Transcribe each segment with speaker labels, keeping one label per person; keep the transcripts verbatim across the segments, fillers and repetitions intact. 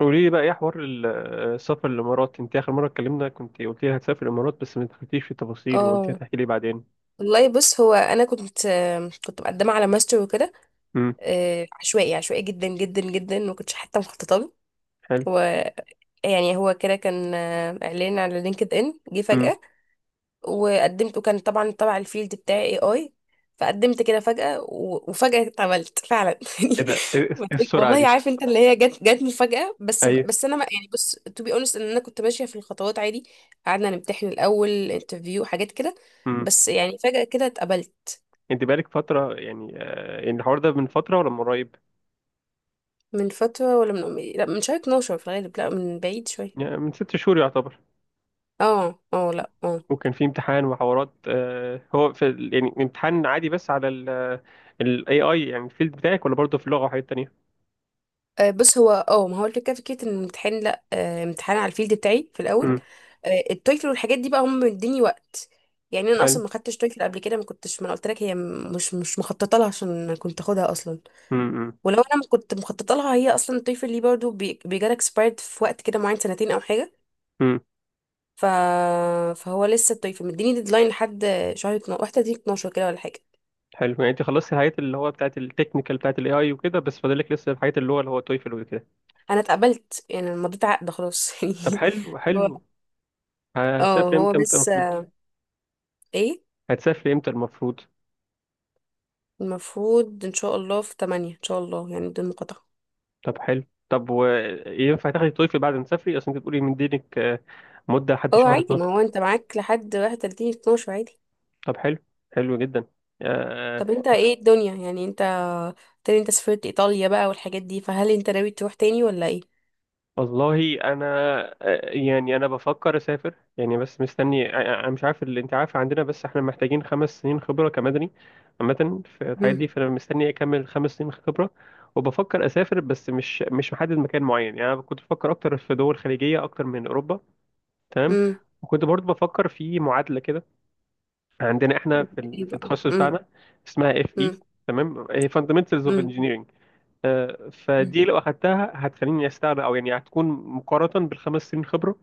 Speaker 1: قولي لي بقى ايه حوار ال- السفر الامارات؟ انت اخر مره اتكلمنا كنت قلت لي هتسافر الامارات، بس ما دخلتيش في التفاصيل وقلت لي
Speaker 2: اه.
Speaker 1: هتحكي لي بعدين.
Speaker 2: والله بص، هو انا كنت آم، كنت مقدمه على ماستر وكده.
Speaker 1: امم.
Speaker 2: آه، عشوائي عشوائي جدا جدا جدا، ما كنتش حتى مخططه له.
Speaker 1: حلو.
Speaker 2: هو يعني هو كده كان آه، اعلان على لينكد ان جه
Speaker 1: امم.
Speaker 2: فجاه، وقدمت وكان طبعا تبع الفيلد بتاعي اي اي. فقدمت كده فجاه و- وفجاه اتعملت فعلا يعني.
Speaker 1: ايه ده؟ ايه إيه
Speaker 2: ما
Speaker 1: إيه
Speaker 2: تقول-
Speaker 1: السرعه
Speaker 2: والله
Speaker 1: دي؟
Speaker 2: عارف انت اللي هي جت جت مفاجاه، بس
Speaker 1: ايوه.
Speaker 2: بس انا ما يعني، بص، تو بي اونست، ان انا كنت ماشيه في الخطوات عادي. قعدنا نمتحن الاول انترفيو حاجات كده.
Speaker 1: امم.
Speaker 2: بس يعني فجأة كده اتقبلت.
Speaker 1: انت بقالك فتره، يعني آه، يعني الحوار ده من فتره ولا من قريب؟
Speaker 2: من فترة ولا من أمي؟ لا من شهر اتناشر في الغالب، لا من بعيد شوية.
Speaker 1: يعني من ست شهور يعتبر؟
Speaker 2: اه اه، لا اه.
Speaker 1: وكان في امتحان وحوارات، آه، هو في ال- يعني امتحان عادي بس على الاي اي، يعني الفيلد بتاعك، ولا برضه في اللغه وحاجات تانية؟
Speaker 2: آه، بص هو اه ما هو الفكرة فكرة ان الامتحان، لا آه، امتحان على الفيلد بتاعي في الأول.
Speaker 1: امم.
Speaker 2: آه، التويفل والحاجات دي بقى هم مديني وقت. يعني انا
Speaker 1: حلو.
Speaker 2: اصلا ما خدتش تويفل قبل كده، ما كنتش، ما أنا قلت لك هي م- مش مش مخططه لها عشان كنت اخدها اصلا.
Speaker 1: امم.
Speaker 2: ولو انا ما كنت مخططه لها هي اصلا، التويفل دي برضه بيجالك اكسبايرد في وقت كده معين، سنتين او حاجه. ف... فهو لسه التويفل مديني ديدلاين لحد شهر اتناشر، واحد وثلاثين اتناشر كده ولا حاجه.
Speaker 1: حلو، يعني انت خلصتي الحاجات اللي هو بتاعت التكنيكال بتاعت الاي اي وكده، بس فاضلك لسه الحاجات اللي هو اللي هو تويفل وكده؟
Speaker 2: انا اتقبلت يعني، أنا مضيت عقد خلاص يعني.
Speaker 1: طب حلو.
Speaker 2: هو
Speaker 1: حلو.
Speaker 2: اه
Speaker 1: هتسافري
Speaker 2: هو
Speaker 1: امتى امتى
Speaker 2: بس
Speaker 1: المفروض؟
Speaker 2: ايه.
Speaker 1: هتسافري امتى المفروض؟
Speaker 2: المفروض ان شاء الله في تمانية، ان شاء الله يعني بدون مقاطعة.
Speaker 1: طب حلو. طب وينفع تاخدي تويفل بعد ما تسافري؟ اصل انت بتقولي من دينك آه، مدة لحد
Speaker 2: اه
Speaker 1: شهر
Speaker 2: عادي، ما
Speaker 1: اثنا عشر.
Speaker 2: هو انت معاك لحد واحد وتلاتين اتناشر عادي.
Speaker 1: طب حلو. حلو جدا. آه،
Speaker 2: طب انت ايه الدنيا يعني، انت تاني انت سافرت ايطاليا بقى والحاجات دي، فهل انت ناوي تروح تاني ولا ايه؟
Speaker 1: والله انا، آه، يعني انا بفكر اسافر يعني، بس مستني. آه، آه، انا مش عارف، اللي انت عارف عندنا، بس احنا محتاجين خمس سنين خبره كمدني عامه في الحاجات
Speaker 2: امم
Speaker 1: دي، فانا مستني اكمل خمس سنين خبره. وبفكر اسافر، بس مش مش محدد مكان معين، يعني انا كنت بفكر اكتر في دول خليجيه اكتر من اوروبا. تمام.
Speaker 2: امم،
Speaker 1: وكنت برضو بفكر في معادله كده عندنا احنا في ال-
Speaker 2: ايه
Speaker 1: في
Speaker 2: بقى؟
Speaker 1: التخصص
Speaker 2: امم
Speaker 1: بتاعنا، اسمها اف اي،
Speaker 2: امم
Speaker 1: تمام، فاندمنتالز اوف
Speaker 2: امم،
Speaker 1: انجينيرنج. آه، فدي لو اخدتها هتخليني استغنى، او يعني هتكون مقارنة بالخمس سنين خبرة،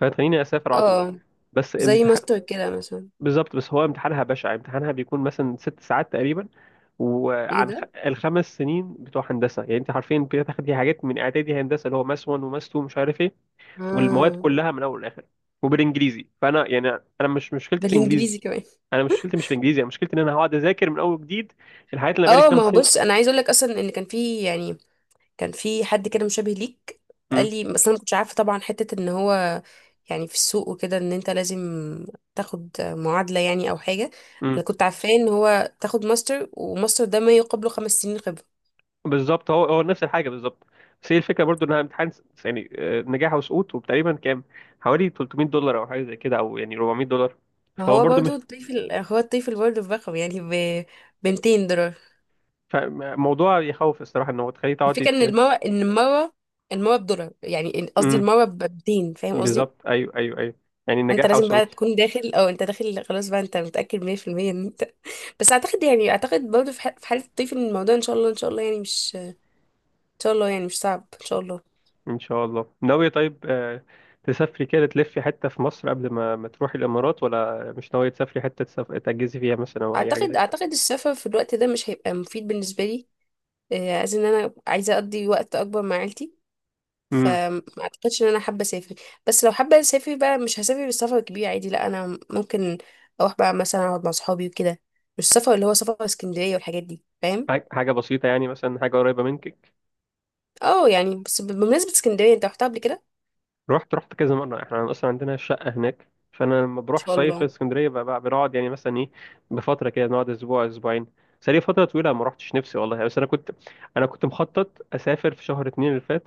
Speaker 1: فهتخليني اسافر على طول.
Speaker 2: اه.
Speaker 1: بس
Speaker 2: زي
Speaker 1: امتحان.
Speaker 2: ماستر كده مثلا.
Speaker 1: بالظبط، بس هو امتحانها بشع، امتحانها بيكون مثلا ست ساعات تقريبا،
Speaker 2: ايه
Speaker 1: وعن خ...
Speaker 2: ده.
Speaker 1: الخمس سنين بتوع هندسة، يعني انت عارفين بتاخدي حاجات من اعدادي هندسة، اللي هو ماس واحد وماس اتنين، مش عارف ايه، والمواد
Speaker 2: اه،
Speaker 1: كلها من اول لاخر وبالانجليزي، فانا يعني انا مش مشكلتي في انجليزي،
Speaker 2: بالانجليزي كمان.
Speaker 1: انا مشكلتي مش في انجليزي، انا مشكلتي ان انا هقعد اذاكر من اول جديد الحاجات اللي أنا بقالي
Speaker 2: اه ما
Speaker 1: خمس
Speaker 2: هو بص،
Speaker 1: سنين
Speaker 2: انا عايز اقول لك اصلا ان كان في يعني كان في حد كده مشابه ليك، قال لي. بس انا ما كنتش عارفه طبعا حته، ان هو يعني في السوق وكده، ان انت لازم تاخد معادله يعني او حاجه.
Speaker 1: امم.
Speaker 2: انا كنت عارفاه ان هو تاخد ماستر، وماستر ده ما يقابله خمس سنين خبره.
Speaker 1: بالظبط، هو هو نفس الحاجه بالظبط، بس هي الفكره برضو انها امتحان س- يعني آه، نجاح وسقوط، وتقريبا كام؟ حوالي تلتمية دولار او حاجه زي كده، او يعني اربعمائة دولار. فهو
Speaker 2: فهو
Speaker 1: برضو
Speaker 2: برضه
Speaker 1: مش
Speaker 2: الطفل، هو الطفل برضه برقم يعني ب ميتين دولار.
Speaker 1: ف- موضوع يخوف الصراحه، ان هو تخليه تقعدي
Speaker 2: الفكره ان
Speaker 1: ت...
Speaker 2: المره ان المره المره بدولار يعني، قصدي
Speaker 1: امم.
Speaker 2: المره ب ميتين، فاهم قصدي.
Speaker 1: بالظبط، ايوه ايوه ايوه، يعني
Speaker 2: انت
Speaker 1: نجاح
Speaker 2: لازم بقى
Speaker 1: وسقوط.
Speaker 2: تكون داخل، او انت داخل خلاص بقى انت متاكد مية في المية ان انت. بس اعتقد يعني، اعتقد برضه في ح- في حاله الطفل من الموضوع ان شاء الله، ان شاء الله يعني، مش ان شاء الله يعني مش صعب ان شاء الله.
Speaker 1: ان شاء الله ناويه، طيب آه، تسافري كده تلفي حته في مصر قبل ما ما تروحي الامارات، ولا مش ناويه تسافري حته تسف... تجهزي فيها مثلا، او اي حاجه زي
Speaker 2: اعتقد
Speaker 1: كده؟
Speaker 2: اعتقد السفر في الوقت ده مش هيبقى مفيد بالنسبه لي. آه، عايز ان انا عايزه اقضي وقت اكبر مع عيلتي،
Speaker 1: امم.
Speaker 2: فما اعتقدش ان انا حابه اسافر. بس لو حابه اسافر بقى، مش هسافر بالسفر كبير عادي، لا انا ممكن اروح بقى مثلا اقعد مع صحابي وكده. مش السفر اللي هو سفر اسكندريه والحاجات دي، فاهم.
Speaker 1: حاجه حاجة بسيطه، يعني مثلا حاجه قريبه منك.
Speaker 2: اه يعني، بس بمناسبه اسكندريه، انت رحتها قبل كده؟ ان
Speaker 1: رحت رحت كذا مرة، احنا اصلا عندنا شقة هناك، فانا لما بروح
Speaker 2: شاء
Speaker 1: صيف في
Speaker 2: الله.
Speaker 1: اسكندرية بقى بقى بنقعد يعني مثلا ايه بفترة كده، نقعد اسبوع اسبوعين. بس لي فترة طويلة ما رحتش نفسي والله، بس انا كنت انا كنت مخطط اسافر في شهر اتنين اللي فات،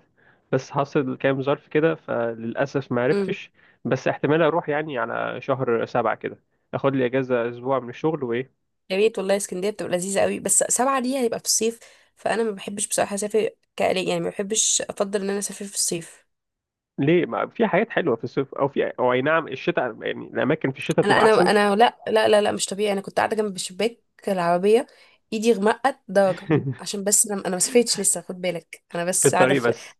Speaker 1: بس حصل كام ظرف كده فللاسف ما
Speaker 2: إمم.
Speaker 1: عرفتش. بس احتمال اروح يعني على شهر سبعة كده، اخد لي اجازة اسبوع من الشغل وايه.
Speaker 2: يا ريت والله، اسكندريه بتبقى لذيذه قوي، بس سبعة دي هيبقى في الصيف، فانا ما بحبش بصراحه اسافر كالي يعني، ما بحبش، افضل ان انا اسافر في الصيف.
Speaker 1: ليه؟ ما في حاجات حلوة في الصيف، او في او اي نعم الشتاء، يعني الاماكن في الشتاء
Speaker 2: انا
Speaker 1: بتبقى
Speaker 2: انا
Speaker 1: احسن.
Speaker 2: انا لا لا لا لا، مش طبيعي، انا كنت قاعده جنب شباك العربيه، ايدي غمقت درجه، عشان بس انا انا ما سافرتش لسه، خد بالك انا
Speaker 1: في
Speaker 2: بس قاعده
Speaker 1: الطريق
Speaker 2: في،
Speaker 1: بس.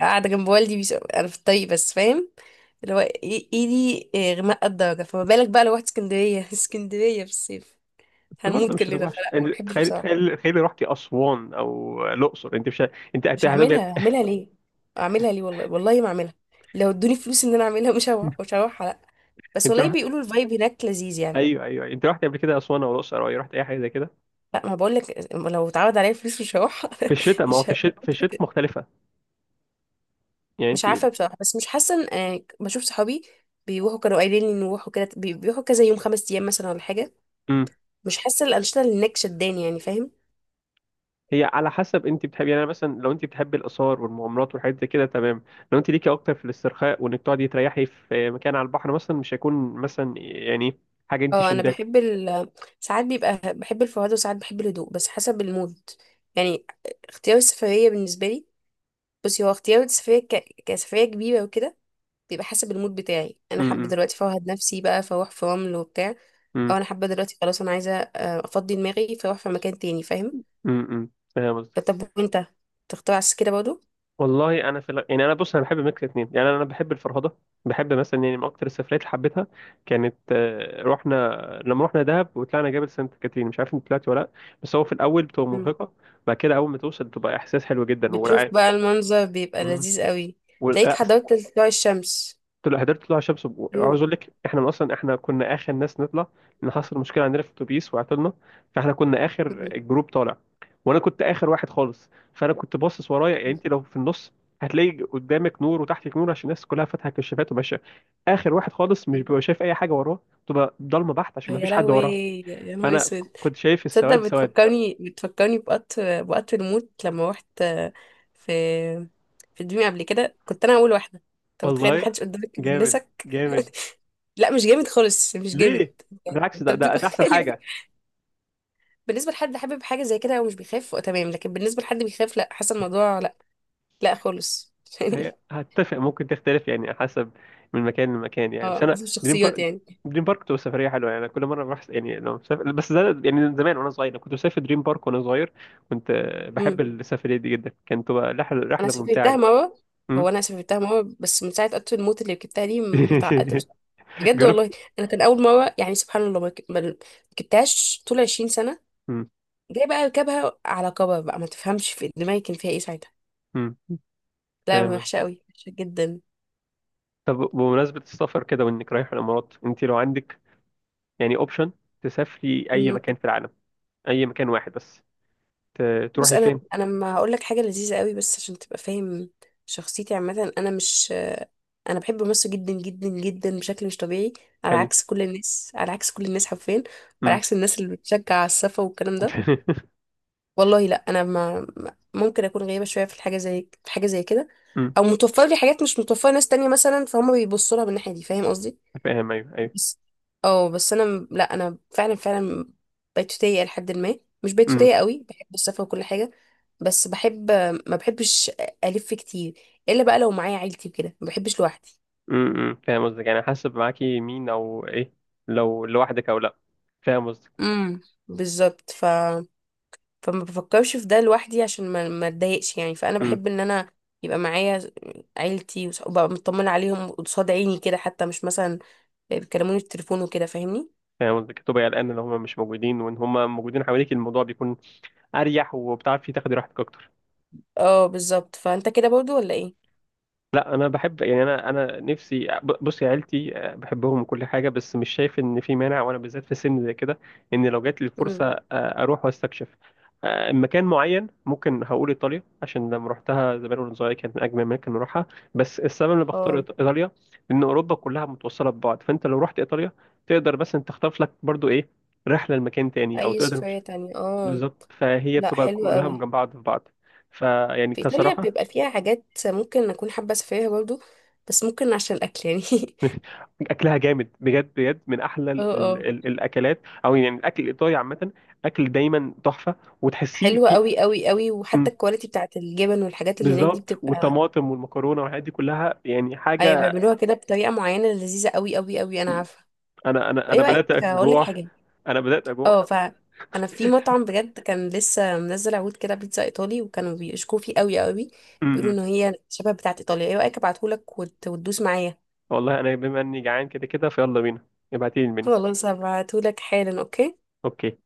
Speaker 2: قاعده جنب والدي بيس... انا في الطريق بس، فاهم. اللي هو إي- ايدي إيه، غمقت درجه، فما بالك بقى لو رحت اسكندريه اسكندريه في الصيف
Speaker 1: بس برضه
Speaker 2: هنموت
Speaker 1: مش هتبقى
Speaker 2: كلنا،
Speaker 1: وحشه،
Speaker 2: فلا ما
Speaker 1: يعني
Speaker 2: بحبش
Speaker 1: تخيلي
Speaker 2: بصراحه.
Speaker 1: تخيلي تخيلي رحتي اسوان او الاقصر، انت مش ه- انت هت-
Speaker 2: مش
Speaker 1: هتبقى.
Speaker 2: هعملها، هعملها ليه؟ اعملها ليه؟ والله والله ما اعملها، لو ادوني فلوس ان انا اعملها مش هروح، مش هروح لا. بس
Speaker 1: انت
Speaker 2: والله
Speaker 1: رحت؟
Speaker 2: بيقولوا الفايب هناك لذيذ يعني.
Speaker 1: ايوه ايوه، انت رحت قبل كده اسوان او الاقصر، او أي- رحت اي حاجه زي كده؟
Speaker 2: لا ما بقول لك، لو اتعرض عليا فلوس مش هروح
Speaker 1: في الشتاء، ما هو في
Speaker 2: مش هروح.
Speaker 1: الشتاء في الشتاء مختلفه. يعني
Speaker 2: مش
Speaker 1: انت.
Speaker 2: عارفه بصراحه، بس مش حاسه ان يعني، بشوف صحابي بيروحوا، كانوا قايلين لي نروحوا كده، بي- بيروحوا كذا يوم، خمس ايام مثلا ولا حاجه.
Speaker 1: امم.
Speaker 2: مش حاسه الانشطه اللي هناك شداني يعني، فاهم.
Speaker 1: هي على حسب انت بتحبي، يعني أنا مثلا لو انت بتحبي الاثار والمغامرات والحاجات زي كده، تمام، لو انت ليكي اكتر في الاسترخاء وانك تقعدي تريحي في مكان على البحر مثلا، مش هيكون مثلا يعني حاجه انت
Speaker 2: اه، انا
Speaker 1: شداكي.
Speaker 2: بحب ال... ساعات بيبقى بحب الفرهده، وساعات بحب الهدوء، بس حسب المود يعني. اختيار السفريه بالنسبه لي، بصي هو اختيار السفرية ك... كسفرية كبيرة وكده، بيبقى حسب المود بتاعي، انا حابة
Speaker 1: امم.
Speaker 2: دلوقتي فوهد نفسي بقى، فاروح في رمل وبتاع،
Speaker 1: امم.
Speaker 2: او انا حابة دلوقتي خلاص، انا عايزة آه، افضي دماغي فاروح في مكان تاني، فاهم.
Speaker 1: امم. امم.
Speaker 2: طب وانت تختار عكس كده برضه.
Speaker 1: والله انا في ال- يعني انا بص، انا بحب ميكس اتنين، يعني انا بحب الفرهده، بحب مثلا، يعني من اكتر السفريات اللي حبيتها كانت، آه، رحنا، لما رحنا دهب وطلعنا جبل سانت كاترين، مش عارف انت طلعت ولا لا، بس هو في الاول بتبقى
Speaker 2: مم.
Speaker 1: مرهقه، بعد كده اول ما توصل بتبقى احساس حلو جدا،
Speaker 2: بتشوف
Speaker 1: ولا.
Speaker 2: بقى المنظر بيبقى
Speaker 1: مم.
Speaker 2: لذيذ قوي، تلاقيك
Speaker 1: ولا
Speaker 2: حضرت طلوع الشمس.
Speaker 1: قلت له حضرت طلوع شمس،
Speaker 2: هو-
Speaker 1: وعاوز اقول لك احنا اصلا، احنا كنا اخر ناس نطلع، لان حصل مشكله عندنا في الاتوبيس وعطلنا، فاحنا كنا اخر
Speaker 2: مم.
Speaker 1: الجروب طالع، وانا كنت اخر واحد خالص، فانا كنت باصص ورايا، يعني انت لو في النص هتلاقي قدامك نور وتحتك نور عشان الناس كلها فاتحه كشافات وماشيه، اخر واحد خالص مش
Speaker 2: مم.
Speaker 1: بيبقى شايف اي حاجه وراه، بتبقى ضلمه بحت عشان
Speaker 2: يا
Speaker 1: مفيش حد
Speaker 2: لهوي،
Speaker 1: وراه،
Speaker 2: يا نهار
Speaker 1: فانا
Speaker 2: اسود.
Speaker 1: كنت شايف
Speaker 2: تصدق
Speaker 1: السواد سواد.
Speaker 2: بتفكرني، بتفكرني بوقت، بوقت الموت لما روحت في، في دريم قبل كده، كنت انا اول واحده، انت متخيل
Speaker 1: والله
Speaker 2: محدش قدامك
Speaker 1: جامد،
Speaker 2: يونسك.
Speaker 1: جامد.
Speaker 2: لا مش جامد خالص، مش جامد.
Speaker 1: ليه؟
Speaker 2: يعني
Speaker 1: بالعكس،
Speaker 2: انت
Speaker 1: ده ده,
Speaker 2: بتبقى
Speaker 1: ده احسن
Speaker 2: خايف.
Speaker 1: حاجه.
Speaker 2: بالنسبه لحد حابب حاجه زي كده ومش بيخاف، تمام، لكن بالنسبه لحد بيخاف، لا، حاسه الموضوع لا، لا خالص
Speaker 1: هي
Speaker 2: يعني.
Speaker 1: هتفق، ممكن تختلف يعني حسب من مكان لمكان، يعني بس
Speaker 2: اه
Speaker 1: انا
Speaker 2: حسب
Speaker 1: دريم
Speaker 2: الشخصيات
Speaker 1: بارك،
Speaker 2: يعني.
Speaker 1: دريم بارك بتبقى سفريه حلوه، يعني أنا كل مره بروح، يعني لو مسافر، بس ده يعني زمان وانا صغير، أنا كنت بسافر دريم بارك وانا صغير، كنت آه، بحب
Speaker 2: امم.
Speaker 1: السفريه دي جدا، كانت تبقى رحله،
Speaker 2: انا
Speaker 1: رحله
Speaker 2: سافرتها
Speaker 1: ممتعه.
Speaker 2: مره.
Speaker 1: أمم.
Speaker 2: هو انا سافرتها مره، بس من ساعه قطر الموت اللي ركبتها دي م- متعقده بصراحه، بجد
Speaker 1: جربت؟
Speaker 2: والله. انا كان اول مره يعني سبحان الله، ما رك- ما ركبتهاش طول عشرين سنه،
Speaker 1: أمم.
Speaker 2: جاي بقى اركبها على كبر، بقى ما تفهمش في دماغي كان فيها ايه ساعتها.
Speaker 1: أمم.
Speaker 2: لا
Speaker 1: آه،
Speaker 2: وحشه قوي، وحشه جدا.
Speaker 1: طب بمناسبه السفر كده وانك رايح الامارات، انت لو عندك يعني اوبشن تسافري اي
Speaker 2: مم.
Speaker 1: مكان في العالم، اي مكان واحد بس، ت-
Speaker 2: بص
Speaker 1: تروحي
Speaker 2: انا
Speaker 1: فين؟
Speaker 2: انا ما هقول لك حاجه لذيذه قوي بس عشان تبقى فاهم شخصيتي عامه. انا مش انا بحب مصر جدا جدا جدا بشكل مش طبيعي، على
Speaker 1: حلو.
Speaker 2: عكس كل الناس، على عكس كل الناس حرفيا، وعلى
Speaker 1: أمم.
Speaker 2: عكس الناس اللي بتشجع على السفر والكلام ده. والله لا، انا ما ما- ممكن اكون غريبه شويه في الحاجه زي في حاجه زي كده،
Speaker 1: أمم.
Speaker 2: او متوفر لي حاجات مش متوفره ناس تانية مثلا، فهم بيبصوا لها من الناحيه دي، فاهم قصدي.
Speaker 1: فاهم، ايوه
Speaker 2: بس اه بس انا م- لا انا فعلا فعلا بيتوتيه لحد ما، مش
Speaker 1: ايوه.
Speaker 2: بيتوتيه قوي، بحب السفر وكل حاجه، بس بحب، ما بحبش الف كتير الا بقى لو معايا عيلتي وكده، ما بحبش لوحدي.
Speaker 1: امم. امم. فاهم قصدك، يعني حاسب معاكي مين او ايه لو لوحدك او لا، فاهم قصدك.
Speaker 2: امم بالظبط. ف فما بفكرش في ده لوحدي، عشان ما ما اتضايقش يعني، فانا
Speaker 1: امم.
Speaker 2: بحب ان انا يبقى معايا عيلتي، وص- وابقى مطمنه عليهم قصاد عيني كده، حتى مش مثلا بيكلموني في التليفون وكده، فاهمني.
Speaker 1: فاهم قصدك، تبقى قلقان ان هم مش موجودين، وان هم موجودين حواليك الموضوع بيكون اريح، وبتعرفي تاخدي راحتك اكتر.
Speaker 2: اه بالظبط، فانت كده برضو ولا ايه؟
Speaker 1: لا انا بحب، يعني انا انا نفسي، ب- بصي عيلتي آه، بحبهم وكل حاجه، بس مش شايف ان في مانع، وانا بالذات في سن زي كده، ان لو جات لي
Speaker 2: امم.
Speaker 1: الفرصه آه، اروح واستكشف آه، مكان معين. ممكن هقول ايطاليا، عشان لما روحتها زمان وانا صغير كانت من اجمل اماكن نروحها، بس السبب اللي بختار
Speaker 2: اه
Speaker 1: إيط- ايطاليا ان اوروبا كلها متوصله ببعض، فانت لو رحت ايطاليا تقدر، بس انت تخطف لك برضو ايه، رحله لمكان تاني، او
Speaker 2: اي
Speaker 1: تقدر مش.
Speaker 2: سفرية تانية اه.
Speaker 1: بالظبط، فهي
Speaker 2: لا
Speaker 1: بتبقى
Speaker 2: حلو
Speaker 1: كلها من
Speaker 2: قوي.
Speaker 1: جنب بعض في بعض، فيعني
Speaker 2: في ايطاليا
Speaker 1: كصراحه
Speaker 2: بيبقى فيها حاجات ممكن اكون حابه اسافرها برضو، بس ممكن عشان الاكل يعني
Speaker 1: اكلها جامد بجد بجد، من احلى
Speaker 2: اه
Speaker 1: ال ال
Speaker 2: اه،
Speaker 1: ال الاكلات، او يعني الاكل الايطالي عامه، اكل دايما تحفه، وتحسيه
Speaker 2: حلوة
Speaker 1: في.
Speaker 2: قوي قوي قوي،
Speaker 1: مم،
Speaker 2: وحتى الكواليتي بتاعت الجبن والحاجات اللي هناك دي
Speaker 1: بالظبط،
Speaker 2: بتبقى.
Speaker 1: والطماطم والمكرونه والحاجات دي كلها يعني
Speaker 2: ايوه
Speaker 1: حاجه.
Speaker 2: بيعملوها كده بطريقه معينه لذيذه قوي قوي قوي، انا عارفه.
Speaker 1: انا انا انا
Speaker 2: ايه
Speaker 1: بدات
Speaker 2: رايك اقول لك
Speaker 1: اجوع.
Speaker 2: حاجه؟
Speaker 1: انا بدات اجوع.
Speaker 2: اه ف انا في مطعم بجد، كان لسه منزل عروض كده بيتزا ايطالي، وكانوا بيشكوا فيه قوي قوي،
Speaker 1: امم.
Speaker 2: بيقولوا
Speaker 1: إمم.
Speaker 2: ان هي شبه بتاعه ايطاليا. ايه رايك ابعتهولك وت- وتدوس معايا؟
Speaker 1: والله انا بما اني جعان كده كده، فيلا بينا. ابعتيلي المنيو.
Speaker 2: خلاص هبعتهولك حالا، اوكي.
Speaker 1: اوكي